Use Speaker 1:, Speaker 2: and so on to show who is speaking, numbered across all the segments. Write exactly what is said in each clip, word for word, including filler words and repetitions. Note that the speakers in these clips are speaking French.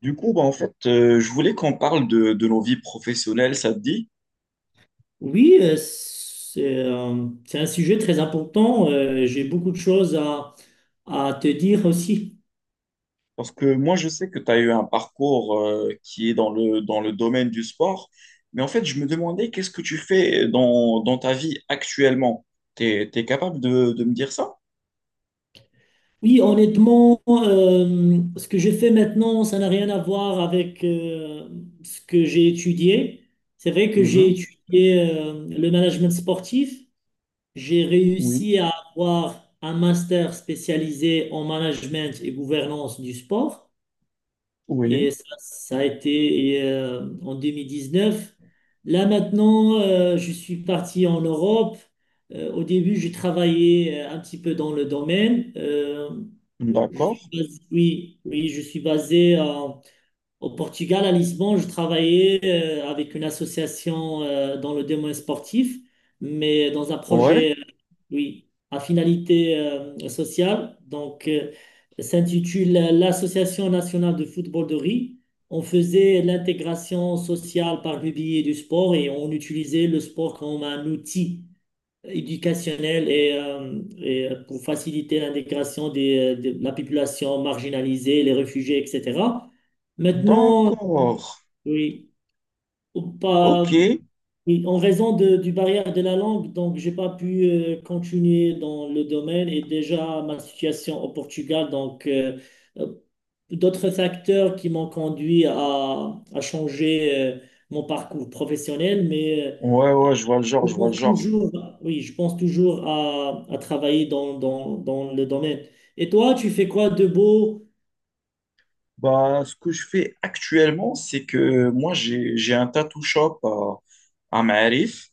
Speaker 1: Du coup, bah, en fait, euh, je voulais qu'on parle de, de nos vies professionnelles, ça te dit?
Speaker 2: Oui, euh, c'est euh, c'est un sujet très important. Euh, j'ai beaucoup de choses à, à te dire aussi.
Speaker 1: Parce que moi, je sais que tu as eu un parcours euh, qui est dans le, dans le domaine du sport, mais en fait, je me demandais qu'est-ce que tu fais dans, dans ta vie actuellement? T'es, t'es capable de, de me dire ça?
Speaker 2: Oui, honnêtement, euh, ce que je fais maintenant, ça n'a rien à voir avec euh, ce que j'ai étudié. C'est vrai que j'ai
Speaker 1: Mhm.
Speaker 2: étudié euh, le management sportif. J'ai
Speaker 1: Oui,
Speaker 2: réussi à avoir un master spécialisé en management et gouvernance du sport. Et
Speaker 1: oui,
Speaker 2: ça, ça a été et, euh, en neuf. Là maintenant, euh, je suis parti en Europe. Euh, au début, j'ai travaillé euh, un petit peu dans le domaine. Euh, je
Speaker 1: d'accord.
Speaker 2: suis basé, oui, oui, je suis basé à au Portugal, à Lisbonne, je travaillais euh, avec une association euh, dans le domaine sportif, mais dans un
Speaker 1: Ouais,
Speaker 2: projet, euh, oui, à finalité euh, sociale. Donc, euh, s'intitule l'Association nationale de football de riz. On faisait l'intégration sociale par le biais du sport et on utilisait le sport comme un outil éducationnelle et, euh, et pour faciliter l'intégration des- de la population marginalisée, les réfugiés, et cetera. Maintenant, euh,
Speaker 1: d'accord.
Speaker 2: oui, ou
Speaker 1: Ok.
Speaker 2: pas, oui, en raison de- du barrière de la langue, donc j'ai pas pu euh, continuer dans le domaine et déjà ma situation au Portugal, donc euh, euh, d'autres facteurs qui m'ont conduit à, à changer euh, mon parcours professionnel, mais euh,
Speaker 1: Ouais, ouais, je vois le genre,
Speaker 2: je
Speaker 1: je vois
Speaker 2: pense
Speaker 1: le genre.
Speaker 2: toujours, à- oui, je pense toujours à, à travailler dans, dans, dans le domaine. Et toi, tu fais quoi de beau?
Speaker 1: Bah, ce que je fais actuellement, c'est que moi, j'ai, j'ai un tattoo shop à, à Maarif.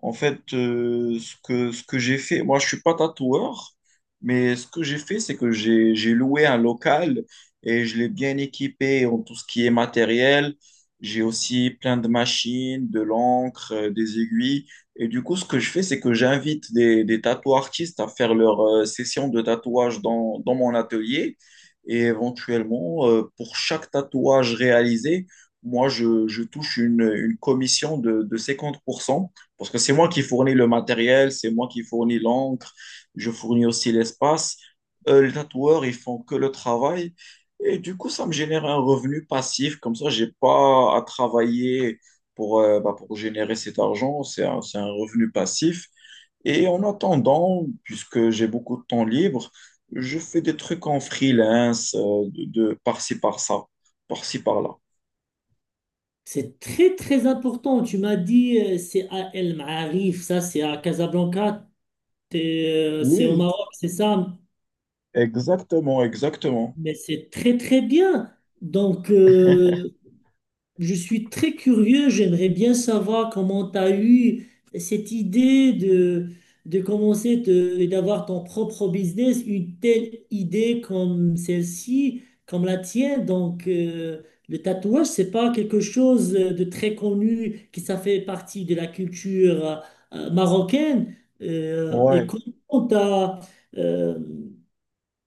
Speaker 1: En fait, euh, ce que, ce que j'ai fait, moi je suis pas tatoueur, mais ce que j'ai fait, c'est que j'ai, j'ai loué un local et je l'ai bien équipé en tout ce qui est matériel. J'ai aussi plein de machines, de l'encre, euh, des aiguilles. Et du coup, ce que je fais, c'est que j'invite des, des tatoueurs artistes à faire leur euh, session de tatouage dans, dans mon atelier. Et éventuellement, euh, pour chaque tatouage réalisé, moi, je, je touche une, une commission de, de cinquante pour cent. Parce que c'est moi qui fournis le matériel, c'est moi qui fournis l'encre, je fournis aussi l'espace. Euh, les tatoueurs, ils font que le travail. Et du coup, ça me génère un revenu passif. Comme ça, je n'ai pas à travailler pour, euh, bah, pour générer cet argent. C'est un, c'est un revenu passif. Et en attendant, puisque j'ai beaucoup de temps libre, je fais des trucs en freelance, euh, de, de par-ci, par-ça, par-ci, par-là.
Speaker 2: C'est très, très important. Tu m'as dit, euh, c'est à El Maarif, ça, c'est à Casablanca, t'es, euh, c'est au
Speaker 1: Oui,
Speaker 2: Maroc, c'est ça.
Speaker 1: exactement, exactement.
Speaker 2: Mais c'est très, très bien. Donc, euh, je suis très curieux, j'aimerais bien savoir comment tu as eu cette idée de, de commencer de- d'avoir ton propre business, une telle idée comme celle-ci, comme la tienne. Donc, euh, le tatouage, c'est pas quelque chose de très connu qui ça fait partie de la culture euh, marocaine. Euh, et
Speaker 1: Ouais.
Speaker 2: comment tu as,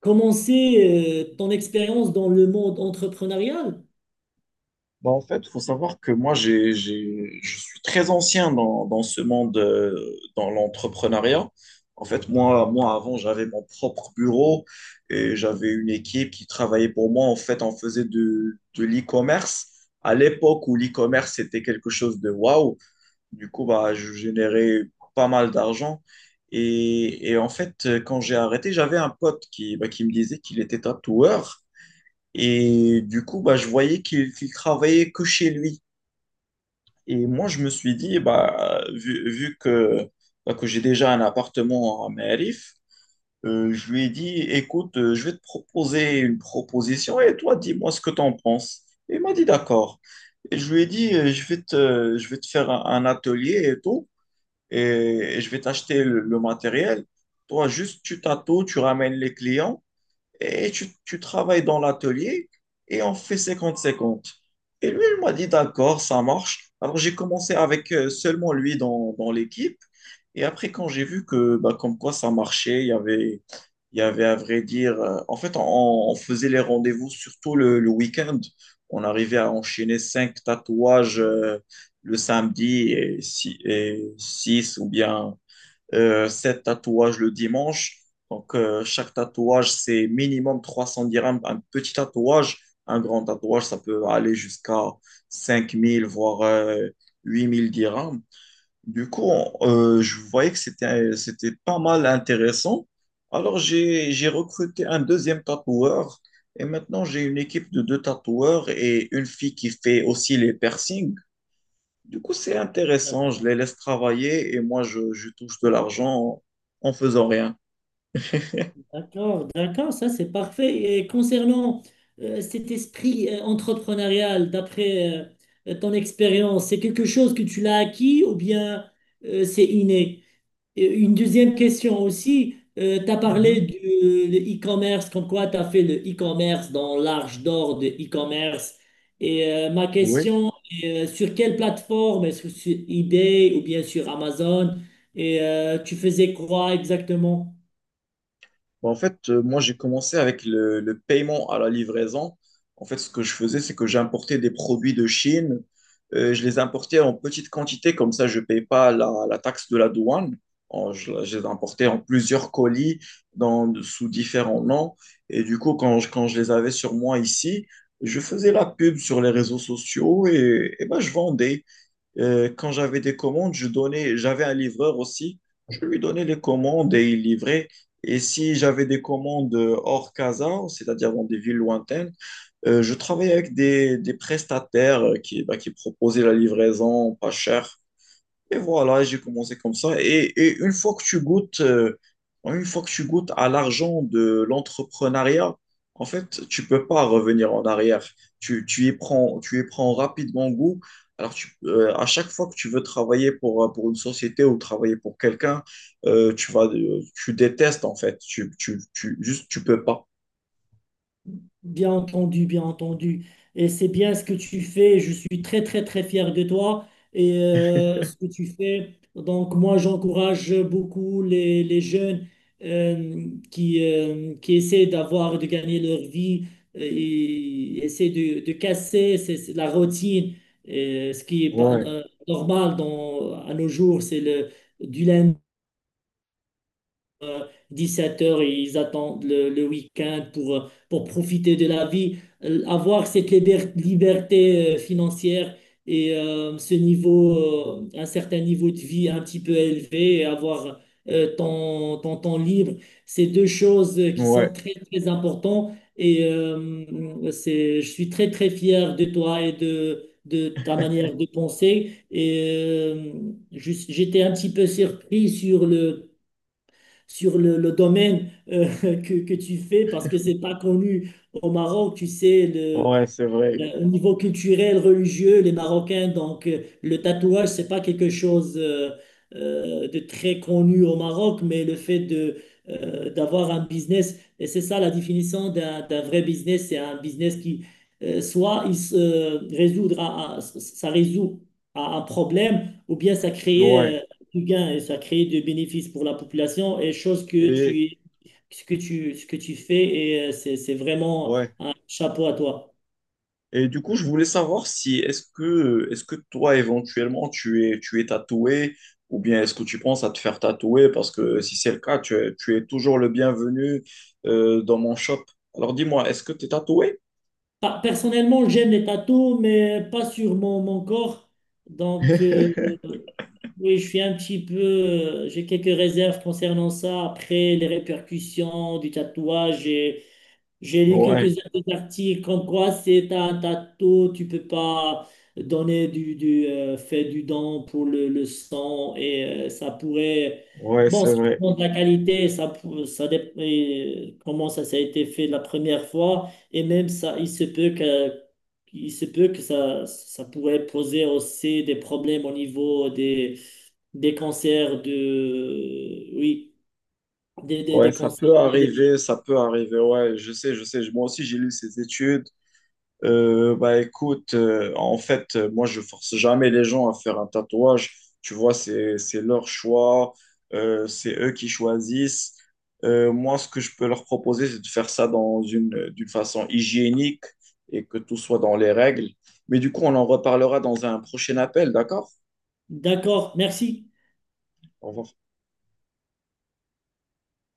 Speaker 2: commencer euh, ton expérience dans le monde entrepreneurial?
Speaker 1: Bah, en fait, il faut savoir que moi, j'ai, j'ai, je suis très ancien dans, dans ce monde, euh, dans l'entrepreneuriat. En fait, moi, moi, avant, j'avais mon propre bureau et j'avais une équipe qui travaillait pour moi. En fait, on faisait de, de l'e-commerce. À l'époque où l'e-commerce c'était quelque chose de waouh, du coup, bah, je générais pas mal d'argent. Et, et en fait, quand j'ai arrêté, j'avais un pote qui, bah, qui me disait qu'il était tatoueur. Et du coup, bah, je voyais qu'il qu'il travaillait que chez lui. Et moi, je me suis dit, bah, vu, vu que, bah, que j'ai déjà un appartement à Merif, euh, je lui ai dit, écoute, euh, je vais te proposer une proposition et toi, dis-moi ce que tu en penses. Et il m'a dit, d'accord. Et je lui ai dit, euh, je vais te, je vais te faire un, un atelier et tout, et, et je vais t'acheter le, le matériel. Toi, juste, tu t'attends, tu ramènes les clients et tu, tu travailles dans l'atelier et on fait cinquante cinquante. Et lui, il m'a dit, d'accord, ça marche. Alors j'ai commencé avec euh, seulement lui dans, dans l'équipe. Et après, quand j'ai vu que, bah, comme quoi ça marchait, il y avait, il y avait à vrai dire, euh, en fait, on, on faisait les rendez-vous surtout le, le week-end. On arrivait à enchaîner cinq tatouages euh, le samedi et, six et six ou bien euh, sept tatouages le dimanche. Donc, euh, chaque tatouage, c'est minimum trois cents dirhams. Un petit tatouage, un grand tatouage, ça peut aller jusqu'à cinq mille, voire euh, huit mille dirhams. Du coup, on- euh, je voyais que c'était, c'était pas mal intéressant. Alors, j'ai, j'ai recruté un deuxième tatoueur. Et maintenant, j'ai une équipe de deux tatoueurs et une fille qui fait aussi les piercings. Du coup, c'est intéressant. Je
Speaker 2: D'accord,
Speaker 1: les laisse travailler et moi, je, je touche de l'argent en, en faisant rien.
Speaker 2: d'accord, d'accord, ça c'est parfait. Et concernant euh, cet esprit euh, entrepreneurial, d'après euh, ton expérience, c'est quelque chose que tu l'as acquis ou bien euh, c'est inné? Et Une deuxième question aussi, tu as parlé
Speaker 1: Mhm.
Speaker 2: du de e-commerce, comme quoi tu as fait le e-commerce dans l'arche d'or de e-commerce. Et euh, ma
Speaker 1: Oui.
Speaker 2: question est, euh, sur quelle plateforme? Est-ce que sur eBay ou bien sur Amazon? Et euh, tu faisais quoi exactement?
Speaker 1: Bah, en fait, euh, moi, j'ai commencé avec le, le paiement à la livraison. En fait, ce que je faisais, c'est que j'importais des produits de Chine. Euh, je les importais en petite quantité, comme ça, je ne paye pas la, la taxe de la douane. En- je, je les importais en plusieurs colis dans, sous différents noms. Et du coup, quand je, quand je les avais sur moi ici, je faisais la pub sur les réseaux sociaux et, et bah, je vendais. Euh, quand j'avais des commandes, je donnais, j'avais un livreur aussi, je lui donnais les commandes et il livrait. Et si j'avais des commandes euh, hors casa, c'est-à-dire dans des villes lointaines, euh, je travaillais avec des, des prestataires euh, qui, bah, qui proposaient la livraison pas chère. Et voilà, j'ai commencé comme ça. Et, et une fois que tu goûtes, euh, une fois que tu goûtes à l'argent de l'entrepreneuriat, en fait, tu peux pas revenir en arrière. Tu, tu y prends, tu y prends rapidement goût. Alors, tu, euh, à chaque fois que tu veux travailler pour, euh, pour une société ou travailler pour quelqu'un, euh, tu vas, euh, tu détestes en fait. Tu, tu, tu, juste, tu peux pas.
Speaker 2: Bien entendu, bien entendu. Et c'est bien ce que tu fais. Je suis très, très, très fier de toi et euh, ce que tu fais. Donc, moi, j'encourage beaucoup les, les jeunes euh, qui, euh, qui essaient d'avoir, de gagner leur vie euh, et essaient de, de casser ces- ces- la routine. Et ce qui est pas,
Speaker 1: Ouais,
Speaker 2: euh, normal dans, à nos jours, c'est le, du lundi. Euh, dix-sept heures ils attendent le, le week-end pour, pour profiter de la vie. Euh, Avoir cette liber- liberté euh, financière et euh, ce niveau, euh, un certain niveau de vie un petit peu élevé et avoir euh, ton, ton temps libre, c'est deux choses euh, qui sont
Speaker 1: ouais,
Speaker 2: très, très importantes. Et euh, c'est, je suis très, très fier de toi et de, de ta manière de penser. Et euh, je- j'étais un petit peu surpris sur le sur le, le domaine euh, que, que tu fais parce que c'est pas connu au Maroc. Tu sais, le,
Speaker 1: ouais, c'est vrai.
Speaker 2: le- au niveau culturel, religieux, les Marocains, donc euh, le tatouage, c'est pas quelque chose euh, euh, de très connu au Maroc, mais le fait de euh, d'avoir un business, et c'est ça la définition d'un d'un vrai business, c'est un business qui euh, soit il se euh, résoudre à- à- ça résout à un problème, ou bien ça
Speaker 1: Ouais.
Speaker 2: crée euh, du gain et ça crée du bénéfice pour la population, et chose que
Speaker 1: Et
Speaker 2: tu ce que tu ce que tu fais et euh, c'est c'est vraiment
Speaker 1: ouais.
Speaker 2: un chapeau à toi.
Speaker 1: Et du coup, je voulais savoir si est-ce que est-ce que toi éventuellement tu es tu es tatoué ou bien est-ce que tu penses à te faire tatouer parce que si c'est le cas, tu es, tu es toujours le bienvenu euh, dans mon shop. Alors dis-moi, est-ce que tu es tatoué?
Speaker 2: Pa- Personnellement, j'aime les tatous, mais pas sur mon, mon corps. Donc, euh, oui, je suis un petit peu. euh, J'ai quelques réserves concernant ça. Après, les répercussions du tatouage et j'ai lu
Speaker 1: Ouais,
Speaker 2: quelques articles comme quoi c'est un tatou, tu peux pas donner du, du euh, fait du don pour le, le sang et euh, ça pourrait.
Speaker 1: ouais,
Speaker 2: Bon,
Speaker 1: c'est
Speaker 2: ça
Speaker 1: vrai.
Speaker 2: dépend de la qualité, ça, pour- ça dé- et comment ça, ça a été fait la première fois et même ça, il se peut que, il se peut que ça, ça pourrait poser aussi des problèmes au niveau des, des cancers de. Oui, des, des,
Speaker 1: Ouais,
Speaker 2: des
Speaker 1: ça
Speaker 2: cancers.
Speaker 1: peut
Speaker 2: des-
Speaker 1: arriver, ça peut arriver. Ouais, je sais, je sais. Moi aussi, j'ai lu ces études. Euh, bah écoute, euh, en fait, euh, moi je force jamais les gens à faire un tatouage. Tu vois, c'est c'est leur choix, euh, c'est eux qui choisissent. Euh, moi, ce que je peux leur proposer, c'est de faire ça dans une d'une façon hygiénique et que tout soit dans les règles. Mais du coup, on en reparlera dans un prochain appel, d'accord?
Speaker 2: D'accord, merci.
Speaker 1: On va